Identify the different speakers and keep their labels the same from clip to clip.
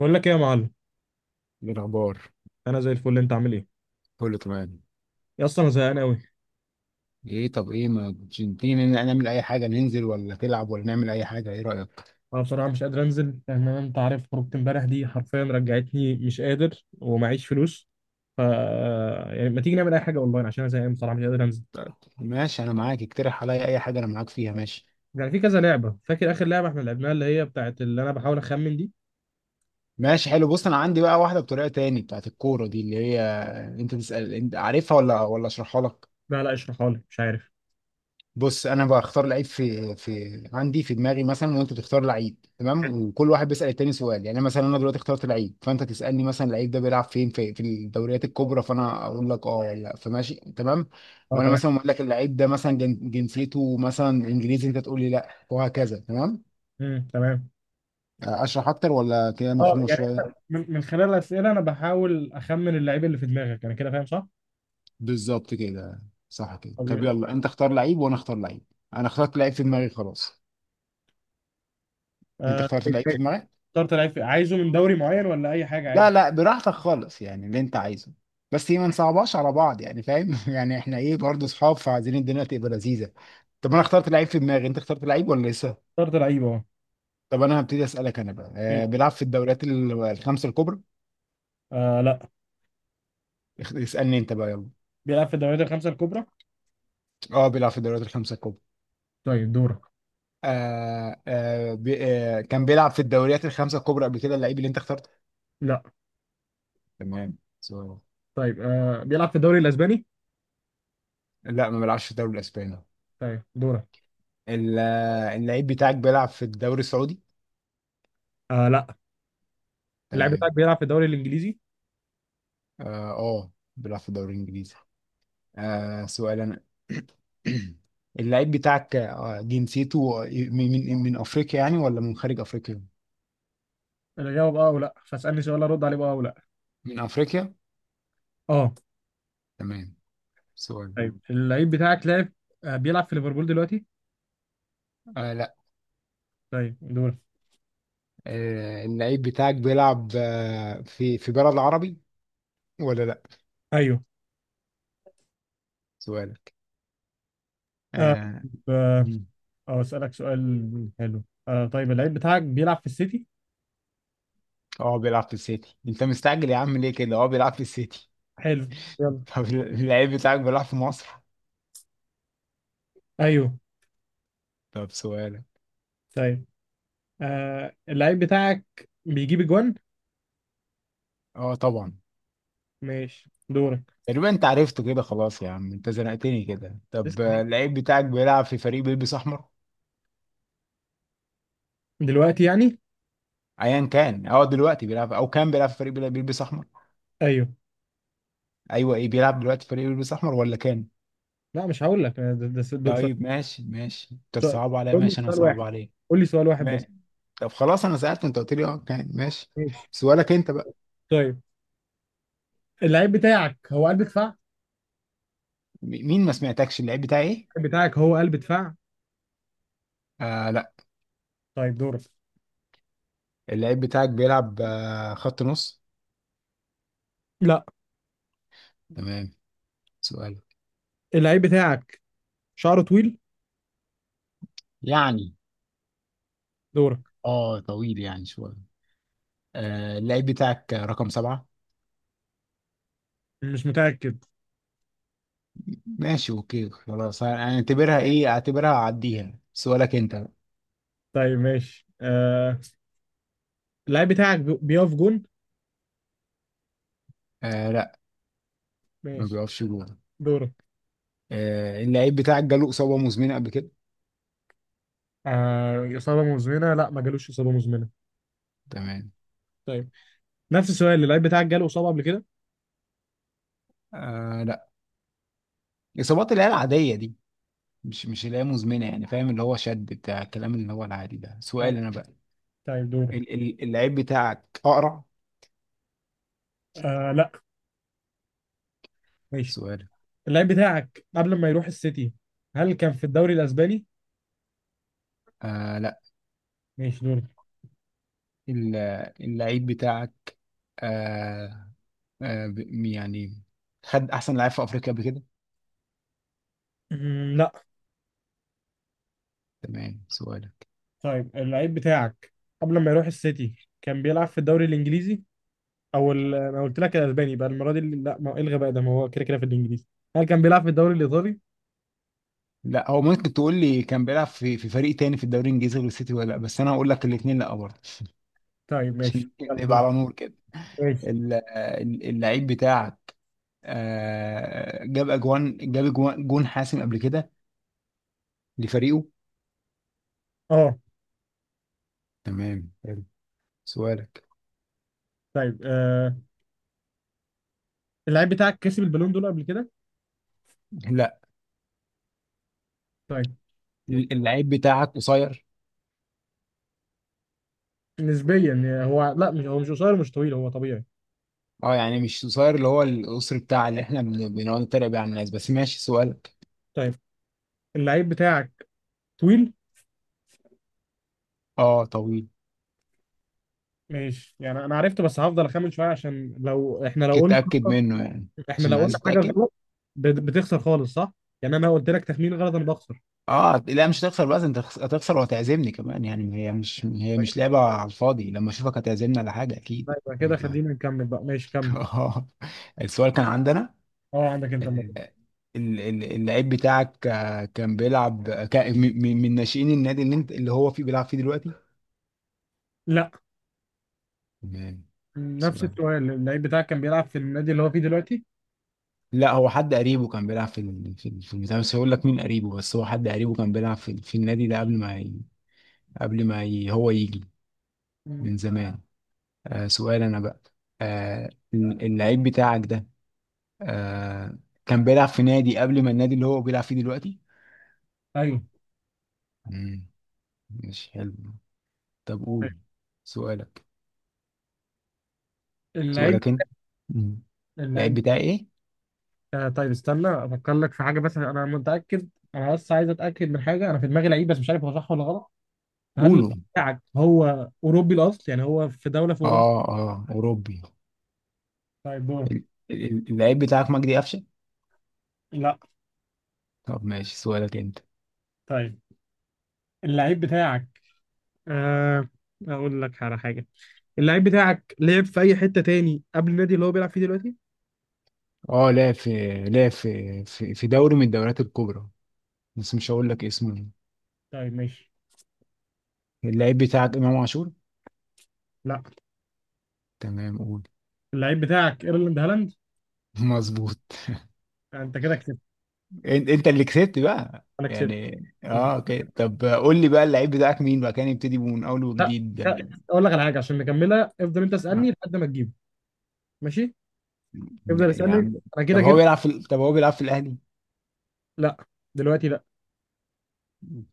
Speaker 1: بقول لك ايه يا معلم.
Speaker 2: إيه الأخبار؟
Speaker 1: انا زي الفل. انت عامل ايه؟
Speaker 2: كله تمام.
Speaker 1: يا، اصلا انا زهقان قوي.
Speaker 2: ايه؟ طب ايه ما كنتش تيجي نعمل اي حاجة، ننزل ولا تلعب ولا نعمل اي حاجة؟ ايه رأيك؟
Speaker 1: انا بصراحه مش قادر انزل، لان انت عارف خروجت امبارح دي حرفيا رجعتني، مش قادر ومعيش فلوس. ف يعني ما تيجي نعمل اي حاجه اونلاين؟ عشان انا زهقان، بصراحه مش قادر انزل.
Speaker 2: طيب، ماشي انا معاك، اقترح عليا اي حاجة انا معاك فيها. ماشي
Speaker 1: يعني في كذا لعبه. فاكر اخر لعبه احنا لعبناها، اللي هي بتاعت اللي انا بحاول اخمن دي.
Speaker 2: ماشي، حلو. بص، انا عندي بقى واحدة بطريقة تاني بتاعت الكورة دي اللي هي انت تسأل، انت عارفها ولا اشرحها لك؟
Speaker 1: لا، لا، اشرحها لي، مش عارف.
Speaker 2: بص، انا بختار لعيب في عندي في دماغي مثلا، وانت تختار لعيب، تمام؟ وكل واحد بيسأل التاني سؤال. يعني مثلا انا دلوقتي اخترت لعيب، فانت تسألني مثلا اللعيب ده بيلعب فين، في الدوريات الكبرى؟ فانا اقول لك اه ولا لا، فماشي تمام.
Speaker 1: اه،
Speaker 2: وانا
Speaker 1: تمام.
Speaker 2: مثلا اقول لك اللعيب ده مثلا جنسيته مثلا انجليزي، انت تقول لي لا، وهكذا. تمام؟
Speaker 1: تمام.
Speaker 2: اشرح اكتر ولا كده
Speaker 1: اه،
Speaker 2: مفهومه شويه؟
Speaker 1: يعني من خلال الاسئله انا بحاول اخمن اللعيب اللي في دماغك. انا كده فاهم صح؟
Speaker 2: بالظبط كده. صح كده. طب
Speaker 1: طبيعي.
Speaker 2: يلا، انت اختار لعيب وانا اختار لعيب. انا اخترت لعيب في دماغي خلاص. انت
Speaker 1: آه،
Speaker 2: اخترت لعيب في دماغك.
Speaker 1: اخترت لعيب عايزه من دوري معين ولا اي حاجه
Speaker 2: لا
Speaker 1: عادي؟
Speaker 2: لا، براحتك خالص يعني، اللي انت عايزه. بس ما نصعبهاش على بعض يعني، فاهم؟ يعني احنا ايه برضه، اصحاب، فعايزين الدنيا تبقى لذيذه. طب انا اخترت لعيب في دماغي، انت اخترت لعيب ولا لسه؟
Speaker 1: اخترت لعيب، اه.
Speaker 2: طب انا هبتدي اسالك انا بقى. بيلعب في الدوريات الخمسه الكبرى؟
Speaker 1: آه، لا.
Speaker 2: اسالني انت بقى، يلا.
Speaker 1: بيلعب في الدوريات الخمسة الكبرى.
Speaker 2: اه، بيلعب في الدوريات الخمسه الكبرى.
Speaker 1: طيب، دورك.
Speaker 2: آه آه بي آه كان بيلعب في الدوريات الخمسه الكبرى قبل كده اللعيب اللي انت اخترته؟
Speaker 1: لا.
Speaker 2: تمام، سؤال.
Speaker 1: طيب، بيلعب في الدوري الاسباني؟
Speaker 2: لا، ما بيلعبش في الدوري الاسباني.
Speaker 1: طيب، دورك.
Speaker 2: اللعيب بتاعك بيلعب في الدوري السعودي؟
Speaker 1: آه، لا. اللاعب بتاعك
Speaker 2: تمام.
Speaker 1: بيلعب في الدوري الانجليزي؟
Speaker 2: اه، بيلعب في الدوري الانجليزي. آه، سؤال انا. اللعيب بتاعك جنسيته من افريقيا يعني ولا من خارج افريقيا؟
Speaker 1: اجاوب اه او لا، فاسالني سؤال ارد عليه بقى او لا.
Speaker 2: من افريقيا؟
Speaker 1: اه.
Speaker 2: تمام، سؤال.
Speaker 1: طيب، اللعيب بتاعك لعب. بيلعب في ليفربول دلوقتي؟
Speaker 2: آه لا،
Speaker 1: طيب، دور.
Speaker 2: آه اللعيب بتاعك بيلعب آه في بلد عربي ولا لا؟
Speaker 1: ايوه.
Speaker 2: سؤالك.
Speaker 1: آه،
Speaker 2: اه.
Speaker 1: آه،
Speaker 2: مم.
Speaker 1: آه، اسالك سؤال حلو. آه، طيب اللعيب بتاعك بيلعب في السيتي؟
Speaker 2: بيلعب في السيتي، انت مستعجل يا عم ليه كده؟ اه بيلعب في السيتي.
Speaker 1: حلو. يلا.
Speaker 2: طب اللعيب بتاعك بيلعب في مصر؟
Speaker 1: ايوه.
Speaker 2: طب سؤالك.
Speaker 1: طيب، اللعيب بتاعك بيجيب اجوان؟
Speaker 2: اه طبعا.
Speaker 1: ماشي، دورك.
Speaker 2: تقريبا انت عرفته كده خلاص يا عم، انت زنقتني كده.
Speaker 1: لسه
Speaker 2: طب
Speaker 1: في.
Speaker 2: اللعيب بتاعك بيلعب في فريق بيلبس احمر؟
Speaker 1: دلوقتي يعني.
Speaker 2: ايا كان هو دلوقتي بيلعب او كان بيلعب في فريق بيلبس احمر.
Speaker 1: ايوه.
Speaker 2: ايوه، ايه، بيلعب دلوقتي في فريق بيلبس احمر ولا كان؟
Speaker 1: لا، مش هقول لك دول سؤال.
Speaker 2: طيب ماشي ماشي، طب
Speaker 1: سؤال-
Speaker 2: صعب عليا،
Speaker 1: قول لي
Speaker 2: ماشي انا،
Speaker 1: سؤال
Speaker 2: صعب
Speaker 1: واحد.
Speaker 2: عليك.
Speaker 1: قول لي سؤال واحد بس.
Speaker 2: ما- طب خلاص، انا سألت انت قلت لي اه كان، ماشي.
Speaker 1: ماشي.
Speaker 2: سؤالك انت بقى.
Speaker 1: طيب، اللعيب بتاعك هو قلب دفاع؟
Speaker 2: مين، ما سمعتكش، اللعيب بتاعي ايه؟
Speaker 1: اللعيب بتاعك هو قلب دفاع؟
Speaker 2: آه لا.
Speaker 1: طيب، دورك.
Speaker 2: اللعيب بتاعك بيلعب خط نص؟
Speaker 1: لا.
Speaker 2: تمام. سؤالك.
Speaker 1: اللعيب بتاعك شعره طويل؟
Speaker 2: يعني
Speaker 1: دورك.
Speaker 2: اه طويل يعني شويه. آه، اللعيب بتاعك رقم سبعة؟
Speaker 1: مش متأكد.
Speaker 2: ماشي اوكي خلاص، هنعتبرها ايه، اعتبرها اعديها. سؤالك انت.
Speaker 1: طيب، ماشي. اللعيب بتاعك بيقف جون؟
Speaker 2: آه لا، ما
Speaker 1: ماشي،
Speaker 2: بيقفش جول.
Speaker 1: دورك.
Speaker 2: آه، اللعيب بتاعك جاله اصابه مزمنه قبل كده؟
Speaker 1: إصابة مزمنة، لا ما جالوش إصابة مزمنة.
Speaker 2: تمام.
Speaker 1: طيب، نفس السؤال، اللعيب بتاعك جاله إصابة قبل كده؟
Speaker 2: آه لا، اصابات اللي هي العاديه دي، مش مش اللي هي مزمنه يعني، فاهم؟ اللي هو شد بتاع الكلام اللي هو العادي ده. سؤال
Speaker 1: أيوة.
Speaker 2: انا بقى.
Speaker 1: طيب، دورك.
Speaker 2: اللعيب بتاعك اقرع؟
Speaker 1: آه، لا. ماشي.
Speaker 2: سؤال.
Speaker 1: اللعيب بتاعك قبل ما يروح السيتي، هل كان في الدوري الأسباني؟
Speaker 2: آه لا.
Speaker 1: ماشي، دول.
Speaker 2: ال- اللعيب بتاعك آه آه ب- يعني خد احسن لعيب في افريقيا قبل كده؟
Speaker 1: مم، لا.
Speaker 2: تمام، سؤال.
Speaker 1: طيب، اللعيب بتاعك قبل ما يروح السيتي كان بيلعب في الدوري الانجليزي او انا قلت لك الاسباني بقى المره دي لا، ما ايه الغباء ده، ما هو كده كده في الانجليزي. هل كان بيلعب في الدوري الايطالي؟
Speaker 2: لا، هو ممكن تقول لي كان بيلعب في فريق تاني في الدوري الانجليزي غير السيتي ولا لا، بس انا هقول لك الاثنين لا برضه.
Speaker 1: طيب، ماشي،
Speaker 2: عشان
Speaker 1: يلا،
Speaker 2: نبقى
Speaker 1: دور.
Speaker 2: على نور كده.
Speaker 1: ماشي.
Speaker 2: اللعيب بتاعك جاب اجوان، جون حاسم قبل كده لفريقه؟
Speaker 1: اه.
Speaker 2: تمام حلو. سؤالك.
Speaker 1: طيب، اللعيب بتاعك كسب البالون دول قبل كده؟
Speaker 2: لا.
Speaker 1: طيب.
Speaker 2: اللعيب بتاعك قصير؟
Speaker 1: نسبيا يعني، هو، لا، مش هو مش قصير، مش طويل، هو طبيعي.
Speaker 2: اه يعني مش قصير، اللي هو القصر بتاع اللي احنا بنقعد نتريق بيه على الناس، بس ماشي. سؤالك.
Speaker 1: طيب، اللعيب بتاعك طويل؟
Speaker 2: اه طويل.
Speaker 1: ماشي، يعني انا عرفته، بس هفضل اخمن شويه عشان لو احنا لو
Speaker 2: كنت
Speaker 1: قلنا
Speaker 2: اتاكد منه يعني،
Speaker 1: احنا لو
Speaker 2: عشان عايز
Speaker 1: قلنا حاجه
Speaker 2: اتاكد.
Speaker 1: غلط بتخسر خالص، صح؟ يعني انا قلت لك تخمين غلط انا بخسر.
Speaker 2: اه لا، مش هتخسر بقى، انت هتخسر وهتعزمني كمان يعني. هي مش لعبة على الفاضي، لما اشوفك هتعزمني على حاجة
Speaker 1: لا،
Speaker 2: اكيد
Speaker 1: يبقى كده
Speaker 2: يعني.
Speaker 1: خلينا نكمل بقى، ماشي كمل.
Speaker 2: آه. السؤال كان عندنا.
Speaker 1: اه، عندك انت الموضوع.
Speaker 2: آه، اللعيب بتاعك آه، كان بيلعب آه، كان من ناشئين النادي اللي انت اللي هو فيه بيلعب فيه دلوقتي؟
Speaker 1: لا.
Speaker 2: تمام،
Speaker 1: نفس
Speaker 2: سؤال.
Speaker 1: السؤال، اللعيب بتاعك كان بيلعب في النادي اللي هو فيه دلوقتي؟
Speaker 2: لا، هو حد قريبه كان بيلعب في البتاع، بس هقول لك مين قريبه، بس هو حد قريبه كان بيلعب في النادي ده قبل ما ي... قبل ما ي... هو يجي،
Speaker 1: مم.
Speaker 2: من زمان. آه، سؤال انا بقى. آه، اللعيب بتاعك ده آه كان بيلعب في نادي قبل ما النادي اللي هو بيلعب فيه دلوقتي؟
Speaker 1: ايوه.
Speaker 2: مم. مش حلو. طب قول سؤالك.
Speaker 1: اللعيب
Speaker 2: انت. مم. اللعيب
Speaker 1: اللعيب
Speaker 2: بتاعي ايه؟
Speaker 1: آه طيب استنى افكر لك في حاجه، بس انا متاكد. انا بس عايز اتاكد من حاجه، انا في دماغي لعيب بس مش عارف هو صح ولا غلط. هل اللعيب
Speaker 2: قوله.
Speaker 1: بتاعك هو اوروبي الاصل، يعني هو في دوله في اوروبا؟
Speaker 2: اه اه اوروبي.
Speaker 1: طيب، دور.
Speaker 2: ال- اللعيب بتاعك مجدي قفشه؟
Speaker 1: لا.
Speaker 2: طب ماشي، سؤالك انت.
Speaker 1: طيب، اللعيب بتاعك، آه اقول لك على حاجه. اللعيب بتاعك لعب في اي حته تاني قبل النادي اللي هو بيلعب فيه دلوقتي؟
Speaker 2: اه، لعب في في دوري من الدوريات الكبرى بس مش هقول لك اسمه.
Speaker 1: طيب، ماشي.
Speaker 2: اللعيب بتاعك امام عاشور؟
Speaker 1: لا.
Speaker 2: تمام، قول.
Speaker 1: اللعيب بتاعك ايرلاند هالاند؟
Speaker 2: مظبوط.
Speaker 1: انت كده كسبت.
Speaker 2: انت انت اللي كسبت بقى
Speaker 1: انا كسبت؟
Speaker 2: يعني.
Speaker 1: انت.
Speaker 2: اه اوكي، طب قول لي بقى اللعيب بتاعك مين بقى، كان يبتدي من اول
Speaker 1: لا.
Speaker 2: وجديد.
Speaker 1: لا. اقول لك على حاجه، عشان نكملها افضل انت اسالني لحد ما تجيبه. ماشي. افضل
Speaker 2: يا
Speaker 1: اسالني.
Speaker 2: عم،
Speaker 1: انا
Speaker 2: طب
Speaker 1: كده
Speaker 2: هو
Speaker 1: جبت.
Speaker 2: بيلعب في طب هو بيلعب في الاهلي؟
Speaker 1: لا. دلوقتي لا.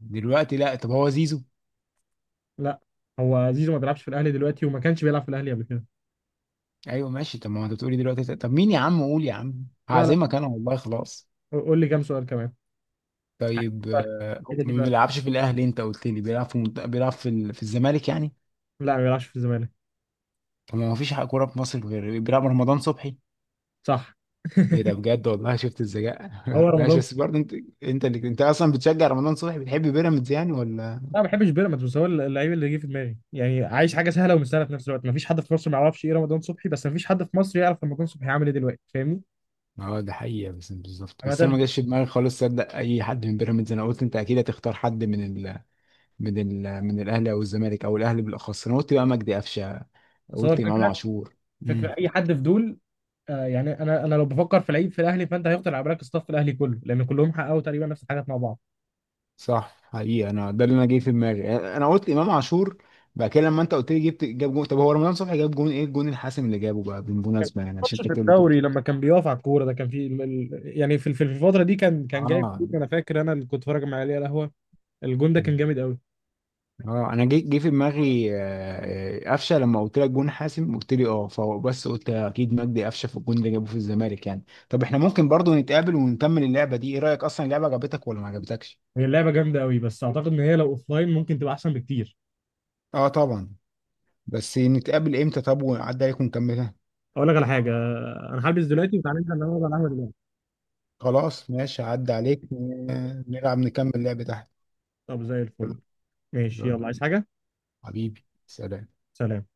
Speaker 2: دلوقتي لا. طب هو زيزو؟
Speaker 1: لا. هو زيزو ما بيلعبش في الاهلي دلوقتي، وما كانش بيلعب في الاهلي قبل كده.
Speaker 2: ايوه ماشي. طب ما هو انت بتقولي دلوقتي، طب مين يا عم، قول يا عم،
Speaker 1: لا، لا،
Speaker 2: هعزمك انا والله خلاص.
Speaker 1: قول لي كام سؤال كمان. عايز
Speaker 2: طيب
Speaker 1: فرق كده دي
Speaker 2: ما
Speaker 1: بقى.
Speaker 2: بيلعبش في الاهلي، انت قلت لي بيلعب في بيلعب في الزمالك يعني؟
Speaker 1: لا، ما بيلعبش في الزمالك.
Speaker 2: طب ما هو مفيش حق كوره في مصر غير بيلعب رمضان صبحي.
Speaker 1: صح.
Speaker 2: ايه ده بجد والله، شفت الذكاء.
Speaker 1: هو
Speaker 2: ماشي،
Speaker 1: رمضان.
Speaker 2: بس برضه انت، انت اللي انت اصلا بتشجع رمضان صبحي، بتحب بيراميدز يعني ولا؟
Speaker 1: انا ما بحبش بيراميدز، بس هو اللعيب اللي جه في دماغي. يعني عايش حاجه سهله ومستاهله في نفس الوقت، ما فيش حد في مصر ما يعرفش ايه رمضان صبحي، بس ما فيش حد في مصر يعرف رمضان صبحي عامل ايه دلوقتي، فاهمني؟
Speaker 2: اه ده حقيقة بس بالظبط، بس انا ما
Speaker 1: عامه.
Speaker 2: جاش في دماغي خالص صدق اي حد من بيراميدز. انا قلت انت اكيد هتختار حد من ال... من ال... من الاهلي او الزمالك، او الاهلي بالاخص. انا قلت بقى مجدي قفشه،
Speaker 1: بس هو
Speaker 2: قلت امام
Speaker 1: الفكره،
Speaker 2: عاشور. امم.
Speaker 1: فكره اي حد في دول. آه، يعني انا لو بفكر في لعيب في الاهلي فانت هيخطر على بالك الصف الاهلي كله، لان كلهم حققوا تقريبا نفس الحاجات مع بعض.
Speaker 2: صح حقيقة، انا ده اللي انا جاي في دماغي، انا قلت امام عاشور. بعد كده لما انت قلت لي جبت، جاب جون، طب هو رمضان صبحي جاب جون؟ ايه الجون الحاسم اللي جابه بقى بالمناسبة يعني، عشان
Speaker 1: ماتش
Speaker 2: انت
Speaker 1: في
Speaker 2: بتقول لي كده.
Speaker 1: الدوري لما كان بيقف على الكوره ده، كان في يعني في الفتره دي كان جايب
Speaker 2: اه
Speaker 1: جول، انا فاكر انا اللي كنت اتفرج مع علي على القهوه. الجون ده كان جامد قوي.
Speaker 2: اه، انا جه في دماغي آه، آه، قفشه. لما قلت لك جون حاسم قلت لي اه، فبس قلت اكيد مجدي قفشه في الجون اللي جابه في الزمالك يعني. طب احنا ممكن برضو نتقابل ونكمل اللعبه دي، ايه رايك؟ اصلا اللعبه عجبتك ولا ما عجبتكش؟
Speaker 1: هي اللعبه جامده قوي، بس اعتقد ان هي لو اوفلاين ممكن تبقى احسن بكتير.
Speaker 2: اه طبعا. بس نتقابل امتى، طب، ونعدي عليك ونكملها؟
Speaker 1: اقول لك على حاجه. انا هلبس دلوقتي وتعالى ننزل نقعد على القهوه دلوقتي.
Speaker 2: خلاص ماشي، هعدي عليك نلعب نكمل اللعبه تحت.
Speaker 1: طب، زي الفل.
Speaker 2: تمام.
Speaker 1: ماشي،
Speaker 2: يلا،
Speaker 1: يلا، عايز حاجه؟
Speaker 2: حبيبي، سلام.
Speaker 1: سلام.